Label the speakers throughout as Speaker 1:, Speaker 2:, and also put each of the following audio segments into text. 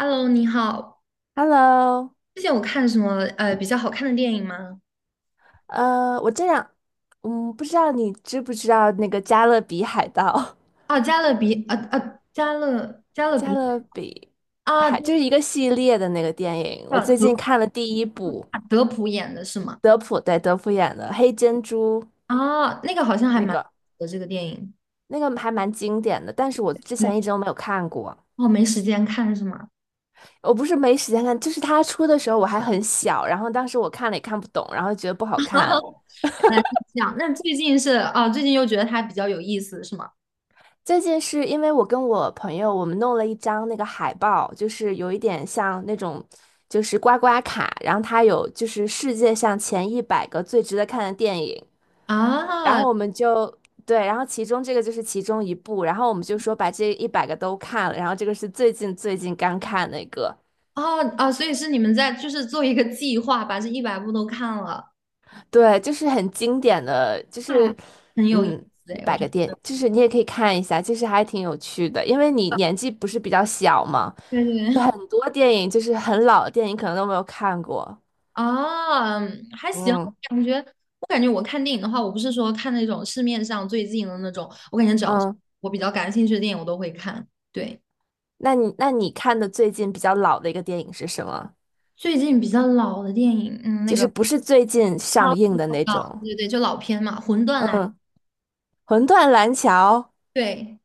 Speaker 1: Hello，你好。
Speaker 2: Hello，
Speaker 1: 最近有看什么比较好看的电影吗？
Speaker 2: 我这样，不知道你知不知道那个《加勒比海盗》
Speaker 1: 哦，加勒比，啊啊，加勒加 勒
Speaker 2: 《加
Speaker 1: 比
Speaker 2: 勒比
Speaker 1: 啊，
Speaker 2: 海》就
Speaker 1: 对
Speaker 2: 是一个系列的那个电影。我
Speaker 1: 了，
Speaker 2: 最
Speaker 1: 德
Speaker 2: 近看了第一部，
Speaker 1: 啊德普演的是吗？
Speaker 2: 德普对德普演的《黑珍珠》，
Speaker 1: 啊，那个好像还
Speaker 2: 那
Speaker 1: 蛮
Speaker 2: 个
Speaker 1: 的这个电影。
Speaker 2: 那个还蛮经典的，但是我之
Speaker 1: 对，
Speaker 2: 前一直都没有看过。
Speaker 1: 哦，没时间看是吗？
Speaker 2: 我不是没时间看，就是他出的时候我还很小，然后当时我看了也看不懂，然后觉得不好看，
Speaker 1: 原来是这样。那最近是啊，最近又觉得它比较有意思是吗？
Speaker 2: 最近是因为我跟我朋友，我们弄了一张那个海报，就是有一点像那种，就是刮刮卡，然后它有就是世界上前一百个最值得看的电影，然
Speaker 1: 啊，
Speaker 2: 后我们就对，然后其中这个就是其中一部，然后我们就说把这一百个都看了，然后这个是最近刚看那个，
Speaker 1: 哦啊，所以是你们在就是做一个计划，把这100部都看了，
Speaker 2: 对，就是很经典的，就
Speaker 1: 对，
Speaker 2: 是
Speaker 1: 很有意
Speaker 2: 嗯。
Speaker 1: 思
Speaker 2: 一
Speaker 1: 哎，我
Speaker 2: 百
Speaker 1: 觉
Speaker 2: 个
Speaker 1: 得。
Speaker 2: 电，就是你也可以看一下，其实还挺有趣的，因为你年纪不是比较小嘛，
Speaker 1: 对对
Speaker 2: 就很
Speaker 1: 对，
Speaker 2: 多电影就是很老的电影，可能都没有看过。
Speaker 1: 啊，嗯还行，我
Speaker 2: 嗯
Speaker 1: 感觉我感觉我看电影的话，我不是说看那种市面上最近的那种，我感觉只要是
Speaker 2: 嗯，
Speaker 1: 我比较感兴趣的电影，我都会看。对，
Speaker 2: 那你看的最近比较老的一个电影是什么？
Speaker 1: 最近比较老的电影，嗯，那
Speaker 2: 就是
Speaker 1: 个
Speaker 2: 不是最近
Speaker 1: 啊，
Speaker 2: 上映的那种？
Speaker 1: 对对对，就老片嘛，《魂断蓝》，
Speaker 2: 嗯，《魂断蓝桥》，
Speaker 1: 对，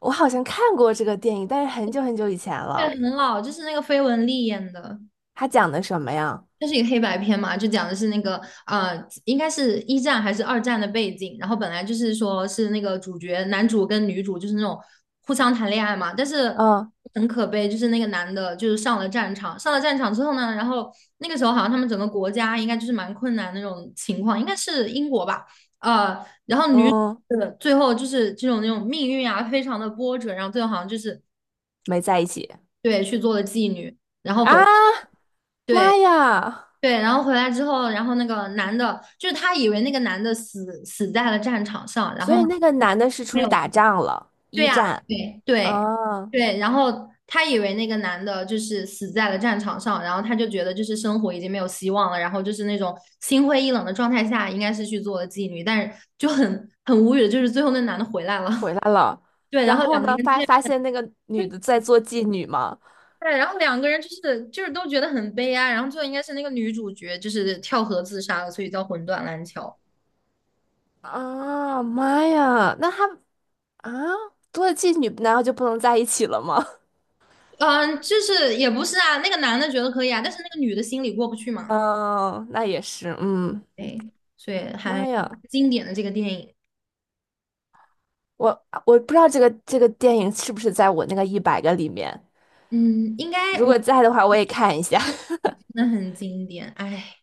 Speaker 2: 我好像看过这个电影，但是很久很久以前
Speaker 1: 对，
Speaker 2: 了。
Speaker 1: 很老，就是那个绯闻丽演的。
Speaker 2: 它讲的什么呀？
Speaker 1: 它是一个黑白片嘛，就讲的是那个，应该是一战还是二战的背景。然后本来就是说是那个主角男主跟女主就是那种互相谈恋爱嘛，但是
Speaker 2: 嗯
Speaker 1: 很可悲，就是那个男的就是上了战场，上了战场之后呢，然后那个时候好像他们整个国家应该就是蛮困难的那种情况，应该是英国吧，然后女
Speaker 2: 嗯，
Speaker 1: 最后就是这种那种命运啊，非常的波折，然后最后好像就是
Speaker 2: 没在一起
Speaker 1: 对去做了妓女，然后回。
Speaker 2: 啊！
Speaker 1: 对，
Speaker 2: 妈呀！
Speaker 1: 对，然后回来之后，然后那个男的，就是他以为那个男的死在了战场上，然
Speaker 2: 所
Speaker 1: 后呢，
Speaker 2: 以那个男的是
Speaker 1: 没
Speaker 2: 出去
Speaker 1: 有，
Speaker 2: 打仗了，
Speaker 1: 对
Speaker 2: 一
Speaker 1: 呀、
Speaker 2: 战。
Speaker 1: 对对
Speaker 2: 啊。
Speaker 1: 对，然后他以为那个男的就是死在了战场上，然后他就觉得就是生活已经没有希望了，然后就是那种心灰意冷的状态下，应该是去做了妓女，但是就很无语的，就是最后那男的回来了，
Speaker 2: 回来了，
Speaker 1: 对，然
Speaker 2: 然
Speaker 1: 后
Speaker 2: 后
Speaker 1: 两个
Speaker 2: 呢，
Speaker 1: 人
Speaker 2: 发
Speaker 1: 见。
Speaker 2: 发现那个女
Speaker 1: 对，
Speaker 2: 的在做妓女嘛，
Speaker 1: 对然后两个人就是都觉得很悲哀，然后最后应该是那个女主角就是跳河自杀了，所以叫魂断蓝桥。
Speaker 2: 啊妈呀，那她啊做了妓女，难道就不能在一起了吗？
Speaker 1: 嗯，就是也不是啊，那个男的觉得可以啊，但是那个女的心里过不去 嘛，
Speaker 2: 嗯，那也是，嗯，
Speaker 1: 对，所以还
Speaker 2: 妈呀，
Speaker 1: 经典的这个电影，
Speaker 2: 我不知道这个电影是不是在我那个一百个里面，
Speaker 1: 嗯，应该
Speaker 2: 如
Speaker 1: 我
Speaker 2: 果
Speaker 1: 觉得
Speaker 2: 在的话，我也看一下，
Speaker 1: 真的很经典，哎，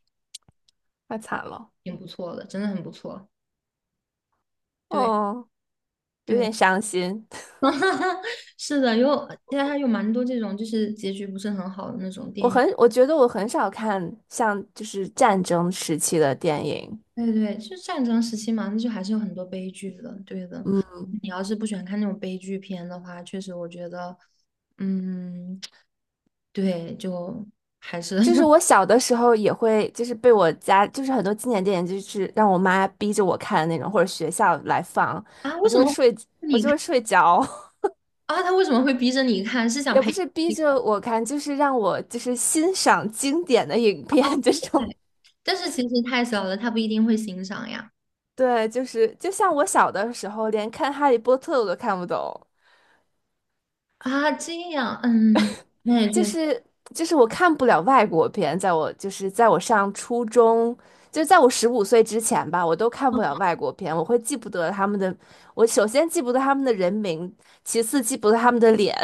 Speaker 2: 太惨了，
Speaker 1: 挺不错的，真的很不错，对
Speaker 2: 哦，有
Speaker 1: 对，
Speaker 2: 点伤心。
Speaker 1: 是的，有现在还有蛮多这种就是结局不是很好的那种电影，
Speaker 2: 我觉得我很少看像就是战争时期的电影，
Speaker 1: 对对，就战争时期嘛，那就还是有很多悲剧的，对的，
Speaker 2: 嗯。
Speaker 1: 你要是不喜欢看那种悲剧片的话，确实我觉得，嗯，对，就还是
Speaker 2: 就是 我小的时候也会，就是被我家，就是很多经典电影，就是让我妈逼着我看的那种，或者学校来放，
Speaker 1: 啊，为
Speaker 2: 我就
Speaker 1: 什
Speaker 2: 会
Speaker 1: 么
Speaker 2: 睡，我
Speaker 1: 你
Speaker 2: 就
Speaker 1: 看
Speaker 2: 会睡着，
Speaker 1: 啊？他为什么会逼着你看？是 想
Speaker 2: 也
Speaker 1: 培
Speaker 2: 不
Speaker 1: 养
Speaker 2: 是逼
Speaker 1: 你
Speaker 2: 着我看，就是让我就是欣赏经典的影
Speaker 1: 哦，
Speaker 2: 片这种。
Speaker 1: 对。但是其实太小了，他不一定会欣赏呀。
Speaker 2: 对，就是就像我小的时候，连看《哈利波特》我都看不懂。
Speaker 1: 啊，这样，嗯，那也
Speaker 2: 就
Speaker 1: 确实。
Speaker 2: 是就是我看不了外国片，就是在我上初中，就是在我15岁之前吧，我都看不了
Speaker 1: 哦
Speaker 2: 外国片，我会记不得他们的，我首先记不得他们的人名，其次记不得他们的脸，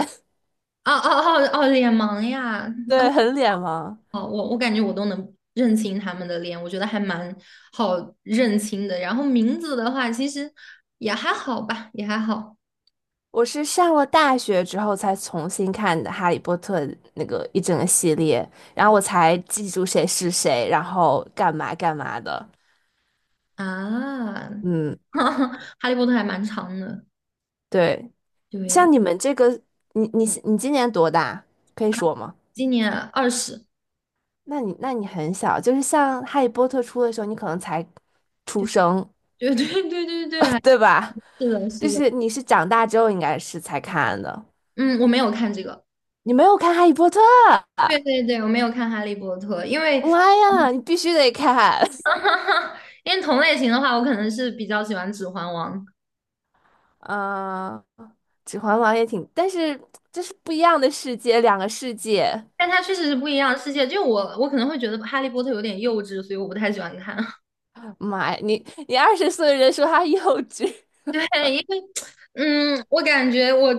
Speaker 1: 哦哦哦，哦脸盲呀！
Speaker 2: 对，很脸盲。
Speaker 1: 哦，我感觉我都能认清他们的脸，我觉得还蛮好认清的。然后名字的话，其实也还好吧，也还好
Speaker 2: 我是上了大学之后才重新看的《哈利波特》那个一整个系列，然后我才记住谁是谁，然后干嘛干嘛的。
Speaker 1: 啊。
Speaker 2: 嗯，
Speaker 1: 哈利波特还蛮长的，
Speaker 2: 对，
Speaker 1: 对，
Speaker 2: 像你们这个，你今年多大？可以说吗？
Speaker 1: 今年20，
Speaker 2: 那你很小，就是像《哈利波特》出的时候，你可能才出
Speaker 1: 对
Speaker 2: 生，
Speaker 1: 对对对对对，还
Speaker 2: 对吧？
Speaker 1: 是的，
Speaker 2: 就
Speaker 1: 是的。
Speaker 2: 是你是长大之后应该是才看的，
Speaker 1: 嗯，我没有看这个。
Speaker 2: 你没有看《哈利波特》，
Speaker 1: 对对对，我没有看《哈利波特》，因为
Speaker 2: 妈呀，你必须得看。
Speaker 1: 因为同类型的话，我可能是比较喜欢《指环王》，
Speaker 2: 嗯，《指环王》也挺，但是这是不一样的世界，两个世界。
Speaker 1: 但它确实是不一样的世界。我可能会觉得《哈利波特》有点幼稚，所以我不太喜欢看。
Speaker 2: 妈呀，你20岁的人说他幼稚，
Speaker 1: 嗯，我感觉我，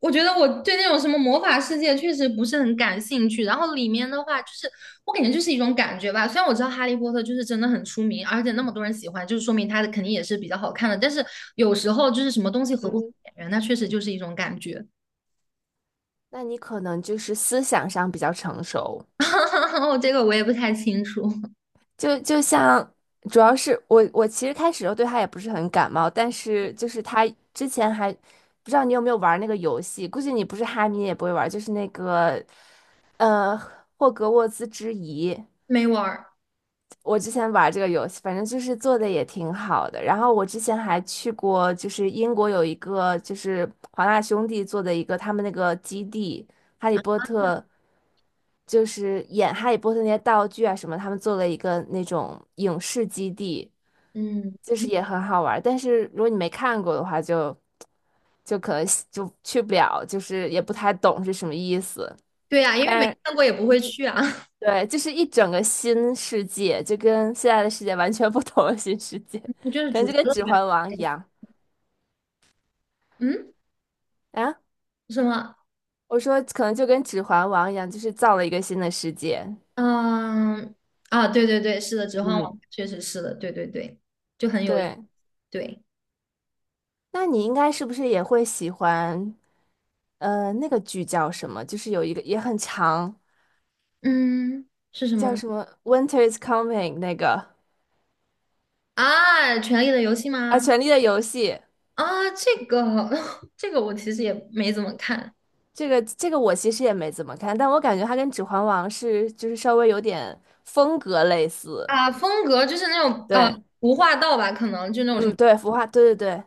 Speaker 1: 我觉得我对那种什么魔法世界确实不是很感兴趣。然后里面的话，就是我感觉就是一种感觉吧。虽然我知道《哈利波特》就是真的很出名，而且那么多人喜欢，就是说明它的肯定也是比较好看的。但是有时候就是什么东西 合不合
Speaker 2: 嗯，
Speaker 1: 眼缘，那确实就是一种感觉。
Speaker 2: 那你可能就是思想上比较成熟。
Speaker 1: 我这个我也不太清楚，
Speaker 2: 就像，主要是我其实开始的时候对他也不是很感冒，但是就是他之前还不知道你有没有玩那个游戏，估计你不是哈迷也不会玩，就是那个呃霍格沃兹之遗。
Speaker 1: 没玩儿。
Speaker 2: 我之前玩这个游戏，反正就是做的也挺好的。然后我之前还去过，就是英国有一个就是华纳兄弟做的一个他们那个基地，《哈利波特》就是演《哈利波特》那些道具啊什么，他们做了一个那种影视基地，
Speaker 1: 嗯，
Speaker 2: 就是
Speaker 1: 嗯
Speaker 2: 也很好玩儿但是如果你没看过的话就可能就去不了，就是也不太懂是什么意思。
Speaker 1: 对呀、因为没
Speaker 2: 但
Speaker 1: 看过也不会去啊，
Speaker 2: 对，就是一整个新世界，就跟现在的世界完全不同的新世界，
Speaker 1: 就是
Speaker 2: 可能
Speaker 1: 主
Speaker 2: 就
Speaker 1: 题
Speaker 2: 跟
Speaker 1: 乐
Speaker 2: 《指
Speaker 1: 园。
Speaker 2: 环王》一样
Speaker 1: 嗯，
Speaker 2: 啊。
Speaker 1: 什么？
Speaker 2: 我说可能就跟《指环王》一样，就是造了一个新的世界。
Speaker 1: 嗯，啊，对对对，是的，《指环王》
Speaker 2: 嗯，
Speaker 1: 确实是的，对对对，就很有意
Speaker 2: 对，
Speaker 1: 对，
Speaker 2: 那你应该是不是也会喜欢？那个剧叫什么？就是有一个也很长，
Speaker 1: 嗯，是什么
Speaker 2: 叫
Speaker 1: 呢
Speaker 2: 什么《Winter is Coming》那个
Speaker 1: 啊，《权力的游戏》
Speaker 2: 啊，
Speaker 1: 吗？
Speaker 2: 《权力的游戏》
Speaker 1: 啊，这个我其实也没怎么看
Speaker 2: 这个我其实也没怎么看，但我感觉它跟《指环王》是就是稍微有点风格类似。
Speaker 1: 啊，风格就是那种啊，
Speaker 2: 对。
Speaker 1: 无话道吧，可能就那种什么，
Speaker 2: 嗯，对，孵化，对对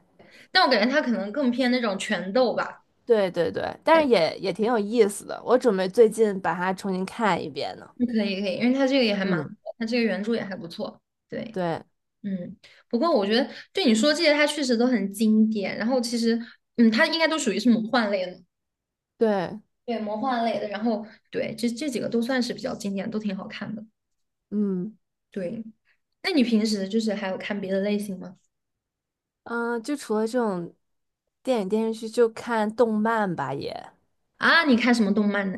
Speaker 1: 但我感觉他可能更偏那种拳斗吧。
Speaker 2: 对对对对，但是也挺有意思的。我准备最近把它重新看一遍呢。
Speaker 1: 嗯可以可以，因为他这个也还蛮，
Speaker 2: 嗯，
Speaker 1: 他这个原著也还不错，对。
Speaker 2: 对
Speaker 1: 嗯，不过我觉得对你说这些，它确实都很经典。然后其实，嗯，它应该都属于是魔幻类的。
Speaker 2: 对，
Speaker 1: 对，魔幻类的，然后对，这几个都算是比较经典，都挺好看的。
Speaker 2: 嗯
Speaker 1: 对，那你平时就是还有看别的类型吗？
Speaker 2: 嗯，就除了这种电影电视剧，就看动漫吧也。
Speaker 1: 啊，你看什么动漫呢？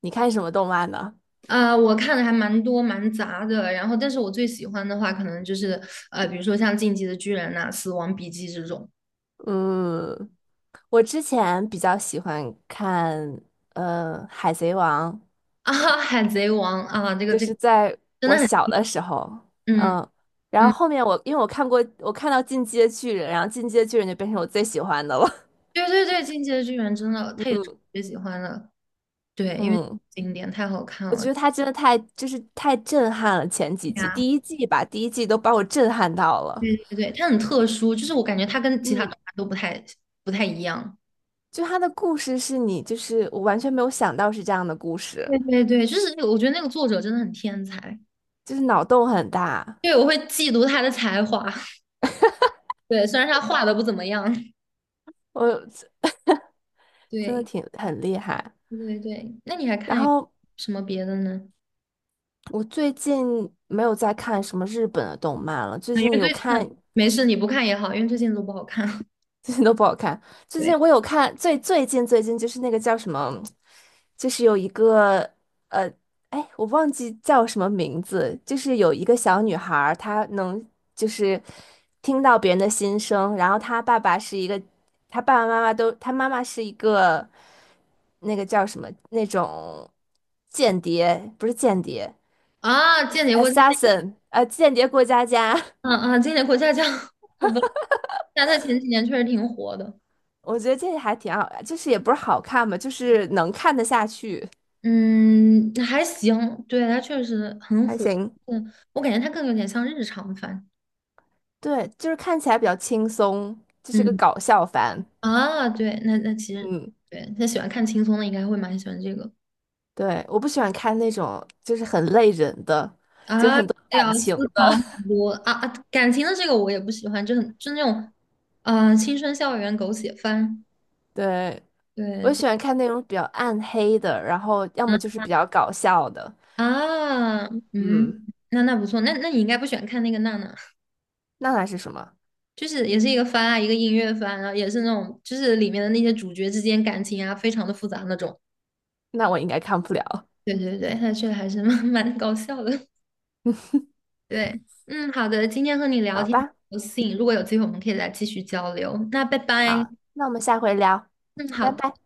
Speaker 2: 你看什么动漫呢？
Speaker 1: 我看的还蛮多蛮杂的，然后但是我最喜欢的话，可能就是，比如说像《进击的巨人》呐、死亡笔记》这种
Speaker 2: 嗯，我之前比较喜欢看《海贼王》，
Speaker 1: 啊，《海贼王》啊，这个
Speaker 2: 就
Speaker 1: 这个
Speaker 2: 是在
Speaker 1: 真的
Speaker 2: 我
Speaker 1: 很，
Speaker 2: 小的时候，
Speaker 1: 嗯
Speaker 2: 嗯，然后
Speaker 1: 嗯，
Speaker 2: 后面我因为我看过，我看到《进阶巨人》，然后《进阶巨人》就变成我最喜欢的了。
Speaker 1: 对对对，《进击的巨人》真的，他也是我
Speaker 2: 嗯
Speaker 1: 最喜欢的，对，因为
Speaker 2: 嗯，
Speaker 1: 经典太好看
Speaker 2: 我觉
Speaker 1: 了。
Speaker 2: 得他真的太就是太震撼了，前几集第一季吧，第一季都把我震撼到了。
Speaker 1: 对对对，他很特殊，就是我感觉他跟其他动
Speaker 2: 嗯，
Speaker 1: 漫都不太一样。
Speaker 2: 就他的故事是你就是我完全没有想到是这样的故事，
Speaker 1: 对对对，就是那个我觉得那个作者真的很天才，
Speaker 2: 就是脑洞很大，
Speaker 1: 对，我会嫉妒他的才华。对，虽然他画的不怎么样。
Speaker 2: 我真的
Speaker 1: 对
Speaker 2: 挺很厉害。
Speaker 1: 对对对，那你还
Speaker 2: 然
Speaker 1: 看有
Speaker 2: 后
Speaker 1: 什么别的呢？
Speaker 2: 我最近没有在看什么日本的动漫了，最
Speaker 1: 啊，因
Speaker 2: 近
Speaker 1: 为最
Speaker 2: 有
Speaker 1: 近的
Speaker 2: 看
Speaker 1: 没事，你不看也好，因为最近都不好看。
Speaker 2: 最近都不好看。最
Speaker 1: 对
Speaker 2: 近我有看，最近就是那个叫什么，就是有一个呃，哎，我忘记叫什么名字，就是有一个小女孩儿她能就是听到别人的心声，然后她爸爸是一个，她爸爸妈妈都，她妈妈是一个那个叫什么那种间谍，不是间谍
Speaker 1: 啊，间谍过家家，
Speaker 2: ，assassin，间谍过家家。
Speaker 1: 啊 啊，间谍过家家，好吧，但他前几年确实挺火的。
Speaker 2: 我觉得这还挺好，就是也不是好看吧，就是能看得下去。
Speaker 1: 嗯，还行，对，他确实很
Speaker 2: 还
Speaker 1: 火。
Speaker 2: 行。
Speaker 1: 嗯，我感觉他更有点像日常番。
Speaker 2: 对，就是看起来比较轻松，就是个
Speaker 1: 嗯
Speaker 2: 搞笑番。
Speaker 1: 啊，对，那那其实
Speaker 2: 嗯，
Speaker 1: 对，他喜欢看轻松的应该会蛮喜欢这个
Speaker 2: 对，我不喜欢看那种就是很累人的，就是
Speaker 1: 啊，
Speaker 2: 很多
Speaker 1: 对
Speaker 2: 感
Speaker 1: 啊，
Speaker 2: 情
Speaker 1: 思
Speaker 2: 的。
Speaker 1: 考很多啊啊，感情的这个我也不喜欢，就很就那种啊、青春校园狗血番，
Speaker 2: 对，
Speaker 1: 对
Speaker 2: 我
Speaker 1: 这
Speaker 2: 喜欢看那种比较暗黑的，然后要么就
Speaker 1: 嗯
Speaker 2: 是比较搞笑的。
Speaker 1: 啊嗯，那那不错，那那你应该不喜欢看那个娜娜，
Speaker 2: 那那是什么？
Speaker 1: 就是也是一个番啊，一个音乐番啊，也是那种就是里面的那些主角之间感情啊，非常的复杂那种，
Speaker 2: 那我应该看不了。
Speaker 1: 对对对，那确实还是蛮搞笑的，对，嗯，好的，今天和你聊
Speaker 2: 好
Speaker 1: 天
Speaker 2: 吧，
Speaker 1: 很高兴，如果有机会我们可以再继续交流。那拜拜，
Speaker 2: 好，那我们下回聊，
Speaker 1: 嗯，好
Speaker 2: 拜
Speaker 1: 的。
Speaker 2: 拜。